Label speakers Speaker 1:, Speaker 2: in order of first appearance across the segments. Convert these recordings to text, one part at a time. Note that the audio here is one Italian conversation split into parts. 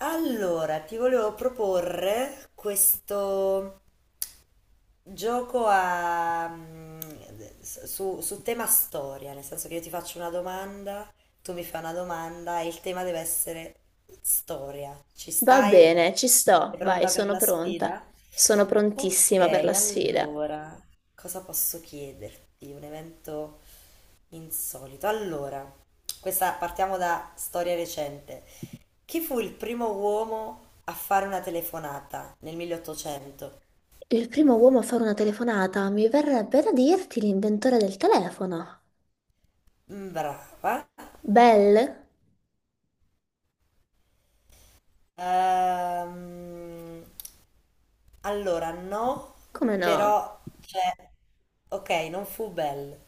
Speaker 1: Allora, ti volevo proporre questo gioco su tema storia, nel senso che io ti faccio una domanda, tu mi fai una domanda e il tema deve essere storia. Ci
Speaker 2: Va
Speaker 1: stai?
Speaker 2: bene, ci
Speaker 1: Sei
Speaker 2: sto, vai,
Speaker 1: pronta per
Speaker 2: sono
Speaker 1: la
Speaker 2: pronta.
Speaker 1: sfida?
Speaker 2: Sono
Speaker 1: Ok,
Speaker 2: prontissima per la sfida.
Speaker 1: allora, cosa posso chiederti? Un evento insolito. Allora, questa partiamo da storia recente. Chi fu il primo uomo a fare una telefonata nel 1800?
Speaker 2: Il primo uomo a fare una telefonata, mi verrebbe da dirti l'inventore del telefono.
Speaker 1: Mm, brava.
Speaker 2: Bell?
Speaker 1: Ehm, allora, no,
Speaker 2: Come no?
Speaker 1: però c'è. Ok, non fu Bell.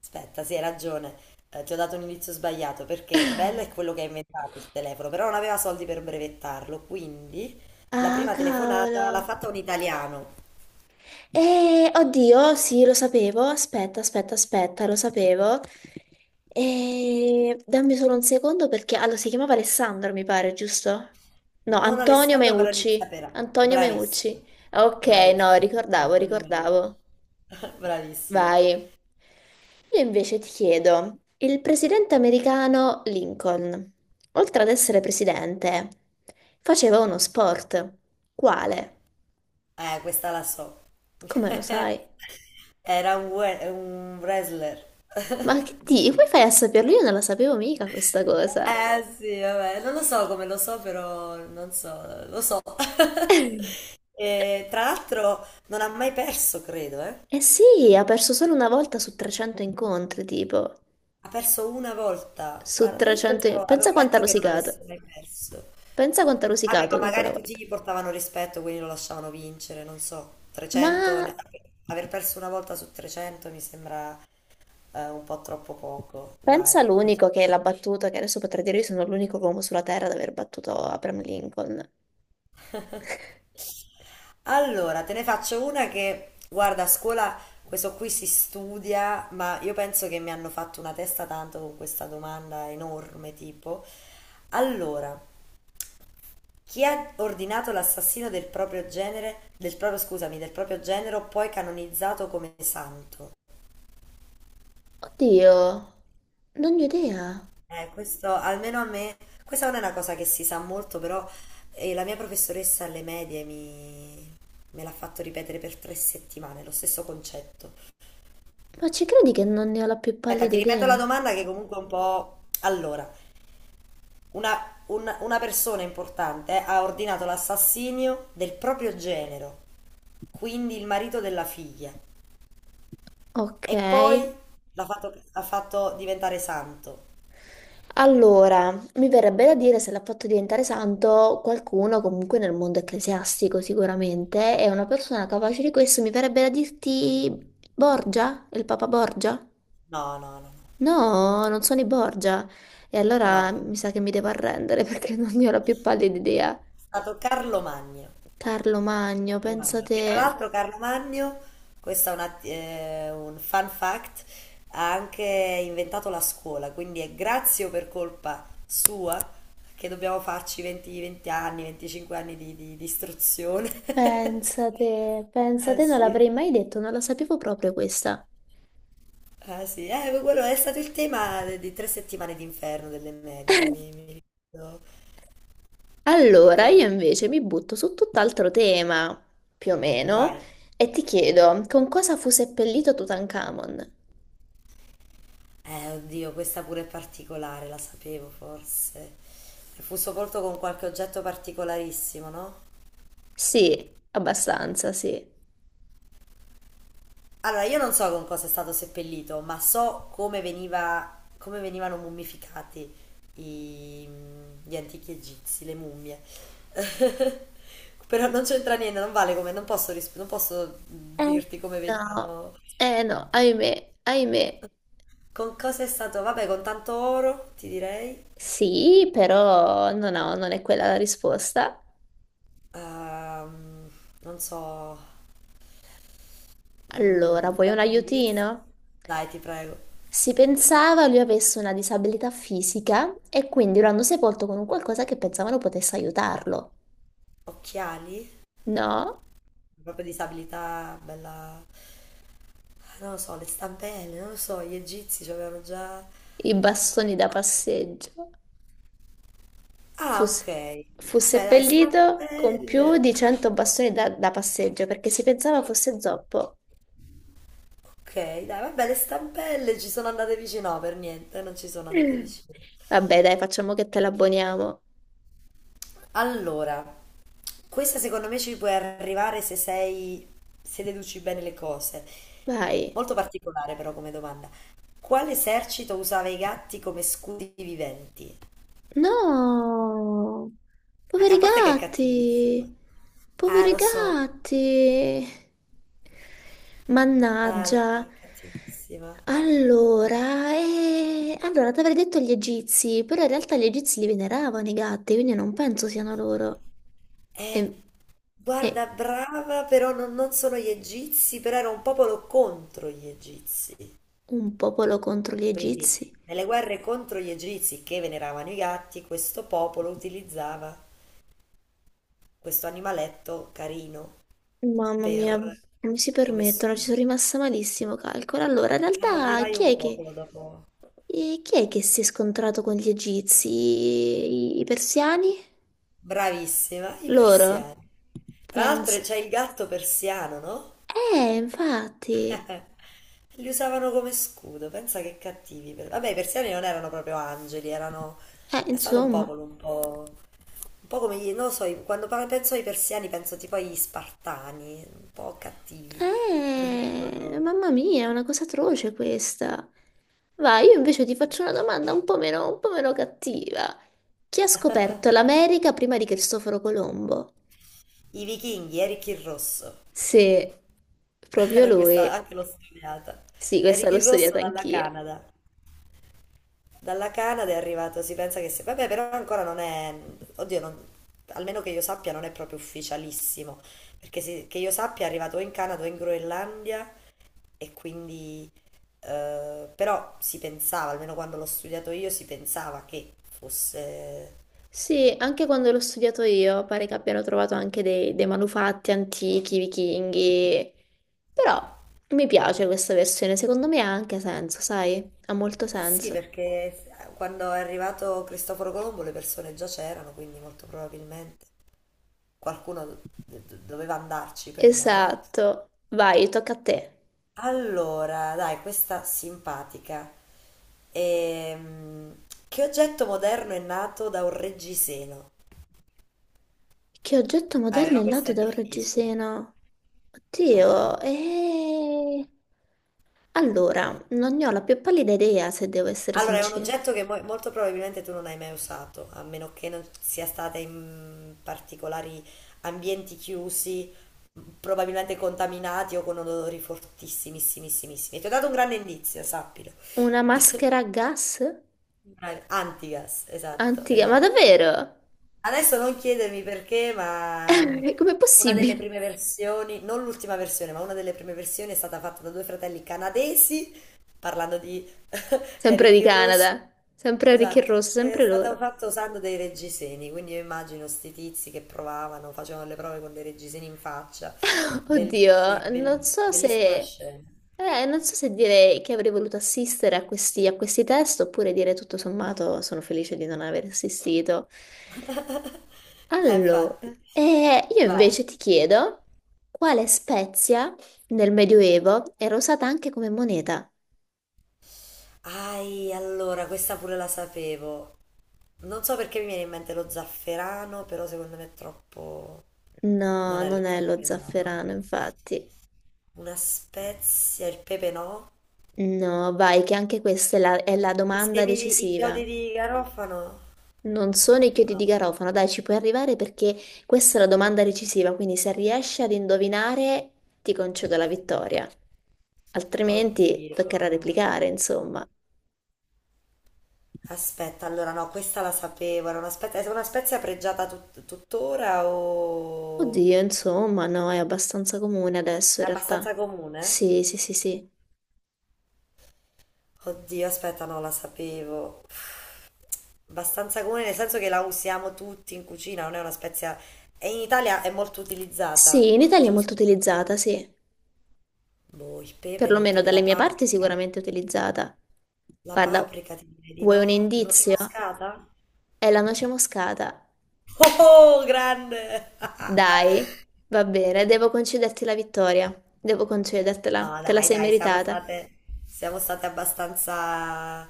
Speaker 1: Aspetta, sì, hai ragione. Ti ho dato un inizio sbagliato perché Bell è quello che ha inventato il telefono, però non aveva soldi per brevettarlo, quindi la
Speaker 2: Ah,
Speaker 1: prima telefonata l'ha
Speaker 2: cavolo.
Speaker 1: fatta un italiano.
Speaker 2: Oddio, sì, lo sapevo. Aspetta, aspetta, aspetta, lo sapevo. Dammi solo un secondo perché... Allora, si chiamava Alessandro, mi pare, giusto? No,
Speaker 1: Non
Speaker 2: Antonio
Speaker 1: Alessandro Caronizza
Speaker 2: Meucci.
Speaker 1: Pera.
Speaker 2: Antonio
Speaker 1: Bravissima.
Speaker 2: Meucci. Ok, no,
Speaker 1: Bravissima.
Speaker 2: ricordavo,
Speaker 1: Antonio Meucci.
Speaker 2: ricordavo.
Speaker 1: Bravissima.
Speaker 2: Vai. Io invece ti chiedo, il presidente americano Lincoln, oltre ad essere presidente, faceva uno sport. Quale?
Speaker 1: Questa la so.
Speaker 2: Come lo sai?
Speaker 1: Era un wrestler.
Speaker 2: Ma che di? Come fai a saperlo? Io non la sapevo mica questa cosa.
Speaker 1: Eh sì, vabbè, non lo so come lo so, però non so, lo so. E, tra l'altro non ha mai perso, credo, eh.
Speaker 2: Eh sì, ha perso solo una volta su 300 incontri, tipo.
Speaker 1: Ha perso una volta. Ah,
Speaker 2: Su
Speaker 1: io
Speaker 2: 300...
Speaker 1: pensavo, avevo
Speaker 2: Pensa quanto ha
Speaker 1: letto che non
Speaker 2: rosicato.
Speaker 1: avesse mai perso.
Speaker 2: Pensa quanto ha
Speaker 1: Vabbè,
Speaker 2: rosicato
Speaker 1: ma
Speaker 2: con quella
Speaker 1: magari tutti
Speaker 2: volta.
Speaker 1: gli portavano rispetto, quindi lo lasciavano vincere, non so,
Speaker 2: Ma...
Speaker 1: 300, aver perso una volta su 300 mi sembra un po' troppo poco, dai.
Speaker 2: Pensa l'unico che l'ha battuto, che adesso potrei dire io sono l'unico uomo sulla Terra ad aver battuto Abraham Lincoln.
Speaker 1: Allora, te ne faccio una che, guarda, a scuola questo qui si studia, ma io penso che mi hanno fatto una testa tanto con questa domanda enorme, tipo, allora, chi ha ordinato l'assassino del proprio genere, del proprio, scusami, del proprio genero, poi canonizzato come santo?
Speaker 2: Oddio, non ne ho idea.
Speaker 1: Questo almeno a me, questa non è una cosa che si sa molto, però la mia professoressa alle medie me l'ha fatto ripetere per tre settimane, lo stesso concetto.
Speaker 2: Ma ci credi che non ne ho la più
Speaker 1: Aspetta,
Speaker 2: pallida
Speaker 1: ti ripeto la
Speaker 2: idea?
Speaker 1: domanda che comunque è un po'. Allora, una persona importante ha ordinato l'assassinio del proprio genero, quindi il marito della figlia,
Speaker 2: Ok.
Speaker 1: e poi l'ha fatto diventare santo.
Speaker 2: Allora, mi verrebbe da dire se l'ha fatto diventare santo qualcuno comunque nel mondo ecclesiastico sicuramente, è una persona capace di questo, mi verrebbe da dirti Borgia, il Papa Borgia?
Speaker 1: No, no, no, no,
Speaker 2: No, non sono i Borgia. E allora
Speaker 1: no,
Speaker 2: mi sa che mi devo arrendere perché non ne ho la più pallida idea.
Speaker 1: è stato Carlo Magno.
Speaker 2: Carlo Magno,
Speaker 1: Carlo
Speaker 2: pensa
Speaker 1: Magno,
Speaker 2: te,
Speaker 1: che tra l'altro Carlo Magno, questo è un fun fact, ha anche inventato la scuola, quindi è grazie o per colpa sua che dobbiamo farci 20 anni, 25 anni di istruzione.
Speaker 2: pensa te, pensa
Speaker 1: Ah
Speaker 2: te, non
Speaker 1: sì,
Speaker 2: l'avrei mai detto, non la sapevo proprio questa.
Speaker 1: ah, sì. Quello è stato il tema di tre settimane d'inferno delle medie, mi ricordo, mi
Speaker 2: Allora, io
Speaker 1: ricordo.
Speaker 2: invece mi butto su tutt'altro tema, più o meno,
Speaker 1: Vai.
Speaker 2: e ti chiedo, con cosa fu seppellito Tutankhamon?
Speaker 1: Oddio, questa pure è particolare, la sapevo forse. E fu sepolto con qualche oggetto particolarissimo, no?
Speaker 2: Sì, abbastanza, sì.
Speaker 1: Allora, io non so con cosa è stato seppellito, ma so come veniva, come venivano mummificati i- gli antichi egizi, le mummie. Però non c'entra niente, non vale come, non posso, non posso
Speaker 2: Eh,
Speaker 1: dirti come
Speaker 2: No,
Speaker 1: venivano.
Speaker 2: eh no, ahimè, ahimè.
Speaker 1: Con cosa è stato? Vabbè, con tanto oro, ti direi.
Speaker 2: Sì, però no, no, non è quella la risposta.
Speaker 1: Ehm, Non so.
Speaker 2: Allora, vuoi un
Speaker 1: Dammi un indizio.
Speaker 2: aiutino?
Speaker 1: Dai, ti prego.
Speaker 2: Si pensava lui avesse una disabilità fisica e quindi lo hanno sepolto con un qualcosa che pensavano potesse aiutarlo.
Speaker 1: Occhiali?
Speaker 2: No,
Speaker 1: Proprio disabilità, bella. Ah, non lo so, le stampelle, non lo so, gli egizi ci avevano già.
Speaker 2: i bastoni da passeggio.
Speaker 1: Ah,
Speaker 2: Fu,
Speaker 1: ok.
Speaker 2: se- Fu
Speaker 1: Vabbè, dai,
Speaker 2: seppellito con più
Speaker 1: stampelle.
Speaker 2: di 100 bastoni da passeggio perché si pensava fosse zoppo.
Speaker 1: Ok, dai, vabbè, le stampelle ci sono andate vicino. No, per niente, non ci sono andate vicino.
Speaker 2: Vabbè, dai, facciamo che te l'abboniamo.
Speaker 1: Allora, questa secondo me ci puoi arrivare se sei, se deduci bene le cose.
Speaker 2: Vai.
Speaker 1: Molto particolare però come domanda. Quale esercito usava i gatti come scudi viventi?
Speaker 2: No,
Speaker 1: A
Speaker 2: poveri
Speaker 1: parte che è
Speaker 2: gatti,
Speaker 1: cattivissima. Ah,
Speaker 2: poveri
Speaker 1: lo so,
Speaker 2: gatti.
Speaker 1: ah, lo so,
Speaker 2: Mannaggia.
Speaker 1: è cattivissima.
Speaker 2: Allora, allora ti avrei detto gli egizi, però in realtà gli egizi li veneravano i gatti, quindi non penso siano loro.
Speaker 1: Eh,
Speaker 2: E, e
Speaker 1: guarda, brava, però non, non sono gli egizi, però era un popolo contro gli egizi.
Speaker 2: un popolo contro gli
Speaker 1: Quindi,
Speaker 2: egizi.
Speaker 1: nelle guerre contro gli egizi che veneravano i gatti, questo popolo utilizzava questo animaletto carino
Speaker 2: Mamma mia,
Speaker 1: per
Speaker 2: come si
Speaker 1: come
Speaker 2: permettono? Ci
Speaker 1: scudo.
Speaker 2: sono rimasta malissimo, calcolo. Allora, in realtà,
Speaker 1: Odierai
Speaker 2: chi
Speaker 1: un
Speaker 2: è che...
Speaker 1: popolo dopo.
Speaker 2: E chi è che si è scontrato con gli egizi? I persiani?
Speaker 1: Bravissima, i
Speaker 2: Loro?
Speaker 1: persiani. Tra l'altro
Speaker 2: Pensa.
Speaker 1: c'è il gatto persiano, no?
Speaker 2: Infatti.
Speaker 1: Li usavano come scudo, pensa che cattivi. Vabbè, i persiani non erano proprio angeli, erano. È stato un
Speaker 2: Insomma.
Speaker 1: popolo un po'. Un po' come gli. Non lo so, quando penso ai persiani penso tipo agli spartani, un po' cattivi. Non li vedo proprio.
Speaker 2: Mamma mia, è una cosa atroce questa. Vai, io invece ti faccio una domanda un po' meno cattiva. Chi ha scoperto l'America prima di Cristoforo Colombo?
Speaker 1: I vichinghi, Eric il Rosso.
Speaker 2: Se proprio lui.
Speaker 1: Questa anche l'ho studiata.
Speaker 2: Sì, questa l'ho
Speaker 1: Ricky Rosso
Speaker 2: studiata
Speaker 1: dalla
Speaker 2: anch'io.
Speaker 1: Canada. Dalla Canada è arrivato, si pensa che sia. Vabbè, però ancora non è. Oddio, almeno che io sappia non è proprio ufficialissimo, perché che io sappia è arrivato o in Canada o in Groenlandia e quindi. Eh, però si pensava, almeno quando l'ho studiato io, si pensava che fosse.
Speaker 2: Sì, anche quando l'ho studiato io, pare che abbiano trovato anche dei manufatti antichi, vichinghi, però mi piace questa versione, secondo me ha anche senso, sai? Ha molto
Speaker 1: Eh sì,
Speaker 2: senso.
Speaker 1: perché quando è arrivato Cristoforo Colombo le persone già c'erano, quindi molto probabilmente qualcuno doveva andarci prima, no?
Speaker 2: Esatto, vai, tocca a te.
Speaker 1: Allora, dai, questa simpatica. Che oggetto moderno è nato da un reggiseno?
Speaker 2: Che oggetto
Speaker 1: Ah,
Speaker 2: moderno
Speaker 1: però
Speaker 2: è
Speaker 1: questa
Speaker 2: nato
Speaker 1: è
Speaker 2: da un
Speaker 1: difficile.
Speaker 2: reggiseno?
Speaker 1: Ah.
Speaker 2: Oddio, e... Allora, non ne ho la più pallida idea, se devo essere
Speaker 1: Allora, è un
Speaker 2: sincera.
Speaker 1: oggetto che molto probabilmente tu non hai mai usato, a meno che non sia stata in particolari ambienti chiusi, probabilmente contaminati o con odori fortissimissimi. Ti ho dato un grande indizio, sappilo.
Speaker 2: Una maschera a gas?
Speaker 1: Bravi. Antigas, esatto,
Speaker 2: Antica, ma
Speaker 1: esatto.
Speaker 2: davvero?
Speaker 1: Adesso non chiedermi perché, ma
Speaker 2: Com'è
Speaker 1: una delle
Speaker 2: possibile?
Speaker 1: prime versioni, non l'ultima versione, ma una delle prime versioni è stata fatta da due fratelli canadesi, parlando di
Speaker 2: Sempre
Speaker 1: Eric
Speaker 2: di
Speaker 1: il Rosso.
Speaker 2: Canada, sempre Ricchi e
Speaker 1: Esatto,
Speaker 2: Rosso,
Speaker 1: è
Speaker 2: sempre
Speaker 1: stato
Speaker 2: loro.
Speaker 1: fatto usando dei reggiseni, quindi io immagino sti tizi che provavano, facevano le prove con dei reggiseni in faccia. Bellissimi,
Speaker 2: Oddio, non so
Speaker 1: bellissima
Speaker 2: se...
Speaker 1: scena.
Speaker 2: non so se dire che avrei voluto assistere a questi test oppure dire tutto sommato sono felice di non aver assistito. Allora,
Speaker 1: Infatti.
Speaker 2: io
Speaker 1: Vai.
Speaker 2: invece ti chiedo quale spezia nel Medioevo era usata anche come moneta?
Speaker 1: Ai, allora, questa pure la sapevo. Non so perché mi viene in mente lo zafferano, però secondo me è troppo. Non
Speaker 2: No,
Speaker 1: è lo
Speaker 2: non è lo
Speaker 1: zafferano.
Speaker 2: zafferano, infatti.
Speaker 1: Una spezia, il pepe no.
Speaker 2: No, vai, che anche questa è la
Speaker 1: I
Speaker 2: domanda
Speaker 1: semi di... i chiodi
Speaker 2: decisiva.
Speaker 1: di garofano?
Speaker 2: Non sono i chiodi
Speaker 1: No.
Speaker 2: di garofano, dai, ci puoi arrivare perché questa è la domanda decisiva, quindi se riesci ad indovinare ti concedo la vittoria, altrimenti
Speaker 1: Oddio.
Speaker 2: toccherà replicare, insomma.
Speaker 1: Aspetta, allora no, questa la sapevo. Era una spezia, è una spezia pregiata tuttora o.
Speaker 2: Oddio, insomma, no, è abbastanza comune adesso
Speaker 1: È
Speaker 2: in
Speaker 1: abbastanza
Speaker 2: realtà.
Speaker 1: comune?
Speaker 2: Sì, sì, sì, sì.
Speaker 1: Oddio, aspetta, no, la sapevo. Abbastanza comune nel senso che la usiamo tutti in cucina, non è una spezia. E in Italia è molto utilizzata,
Speaker 2: Sì, in Italia è
Speaker 1: giusto?
Speaker 2: molto utilizzata, sì.
Speaker 1: Boh, il pepe lo
Speaker 2: Perlomeno
Speaker 1: utilizzi, la
Speaker 2: dalle mie parti è
Speaker 1: paprika.
Speaker 2: sicuramente utilizzata.
Speaker 1: La
Speaker 2: Guarda,
Speaker 1: paprika ti direi di
Speaker 2: vuoi un
Speaker 1: no? Noce
Speaker 2: indizio?
Speaker 1: moscata?
Speaker 2: È la noce moscata.
Speaker 1: Oh, grande!
Speaker 2: Dai, va bene, devo concederti la vittoria. Devo concedertela,
Speaker 1: No,
Speaker 2: te la
Speaker 1: dai,
Speaker 2: sei
Speaker 1: dai,
Speaker 2: meritata.
Speaker 1: siamo state abbastanza,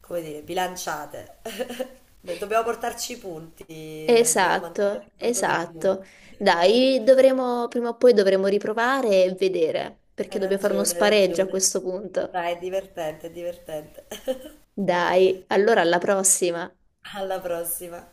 Speaker 1: come dire, bilanciate. Dobbiamo portarci i punti, dobbiamo mantenere
Speaker 2: Esatto,
Speaker 1: il conto dei punti.
Speaker 2: esatto. Dai, dovremo, prima o poi dovremo riprovare e vedere, perché
Speaker 1: Hai
Speaker 2: dobbiamo fare uno
Speaker 1: ragione, hai
Speaker 2: spareggio a
Speaker 1: ragione.
Speaker 2: questo punto.
Speaker 1: Dai, è divertente, è divertente.
Speaker 2: Dai, allora alla prossima.
Speaker 1: Alla prossima.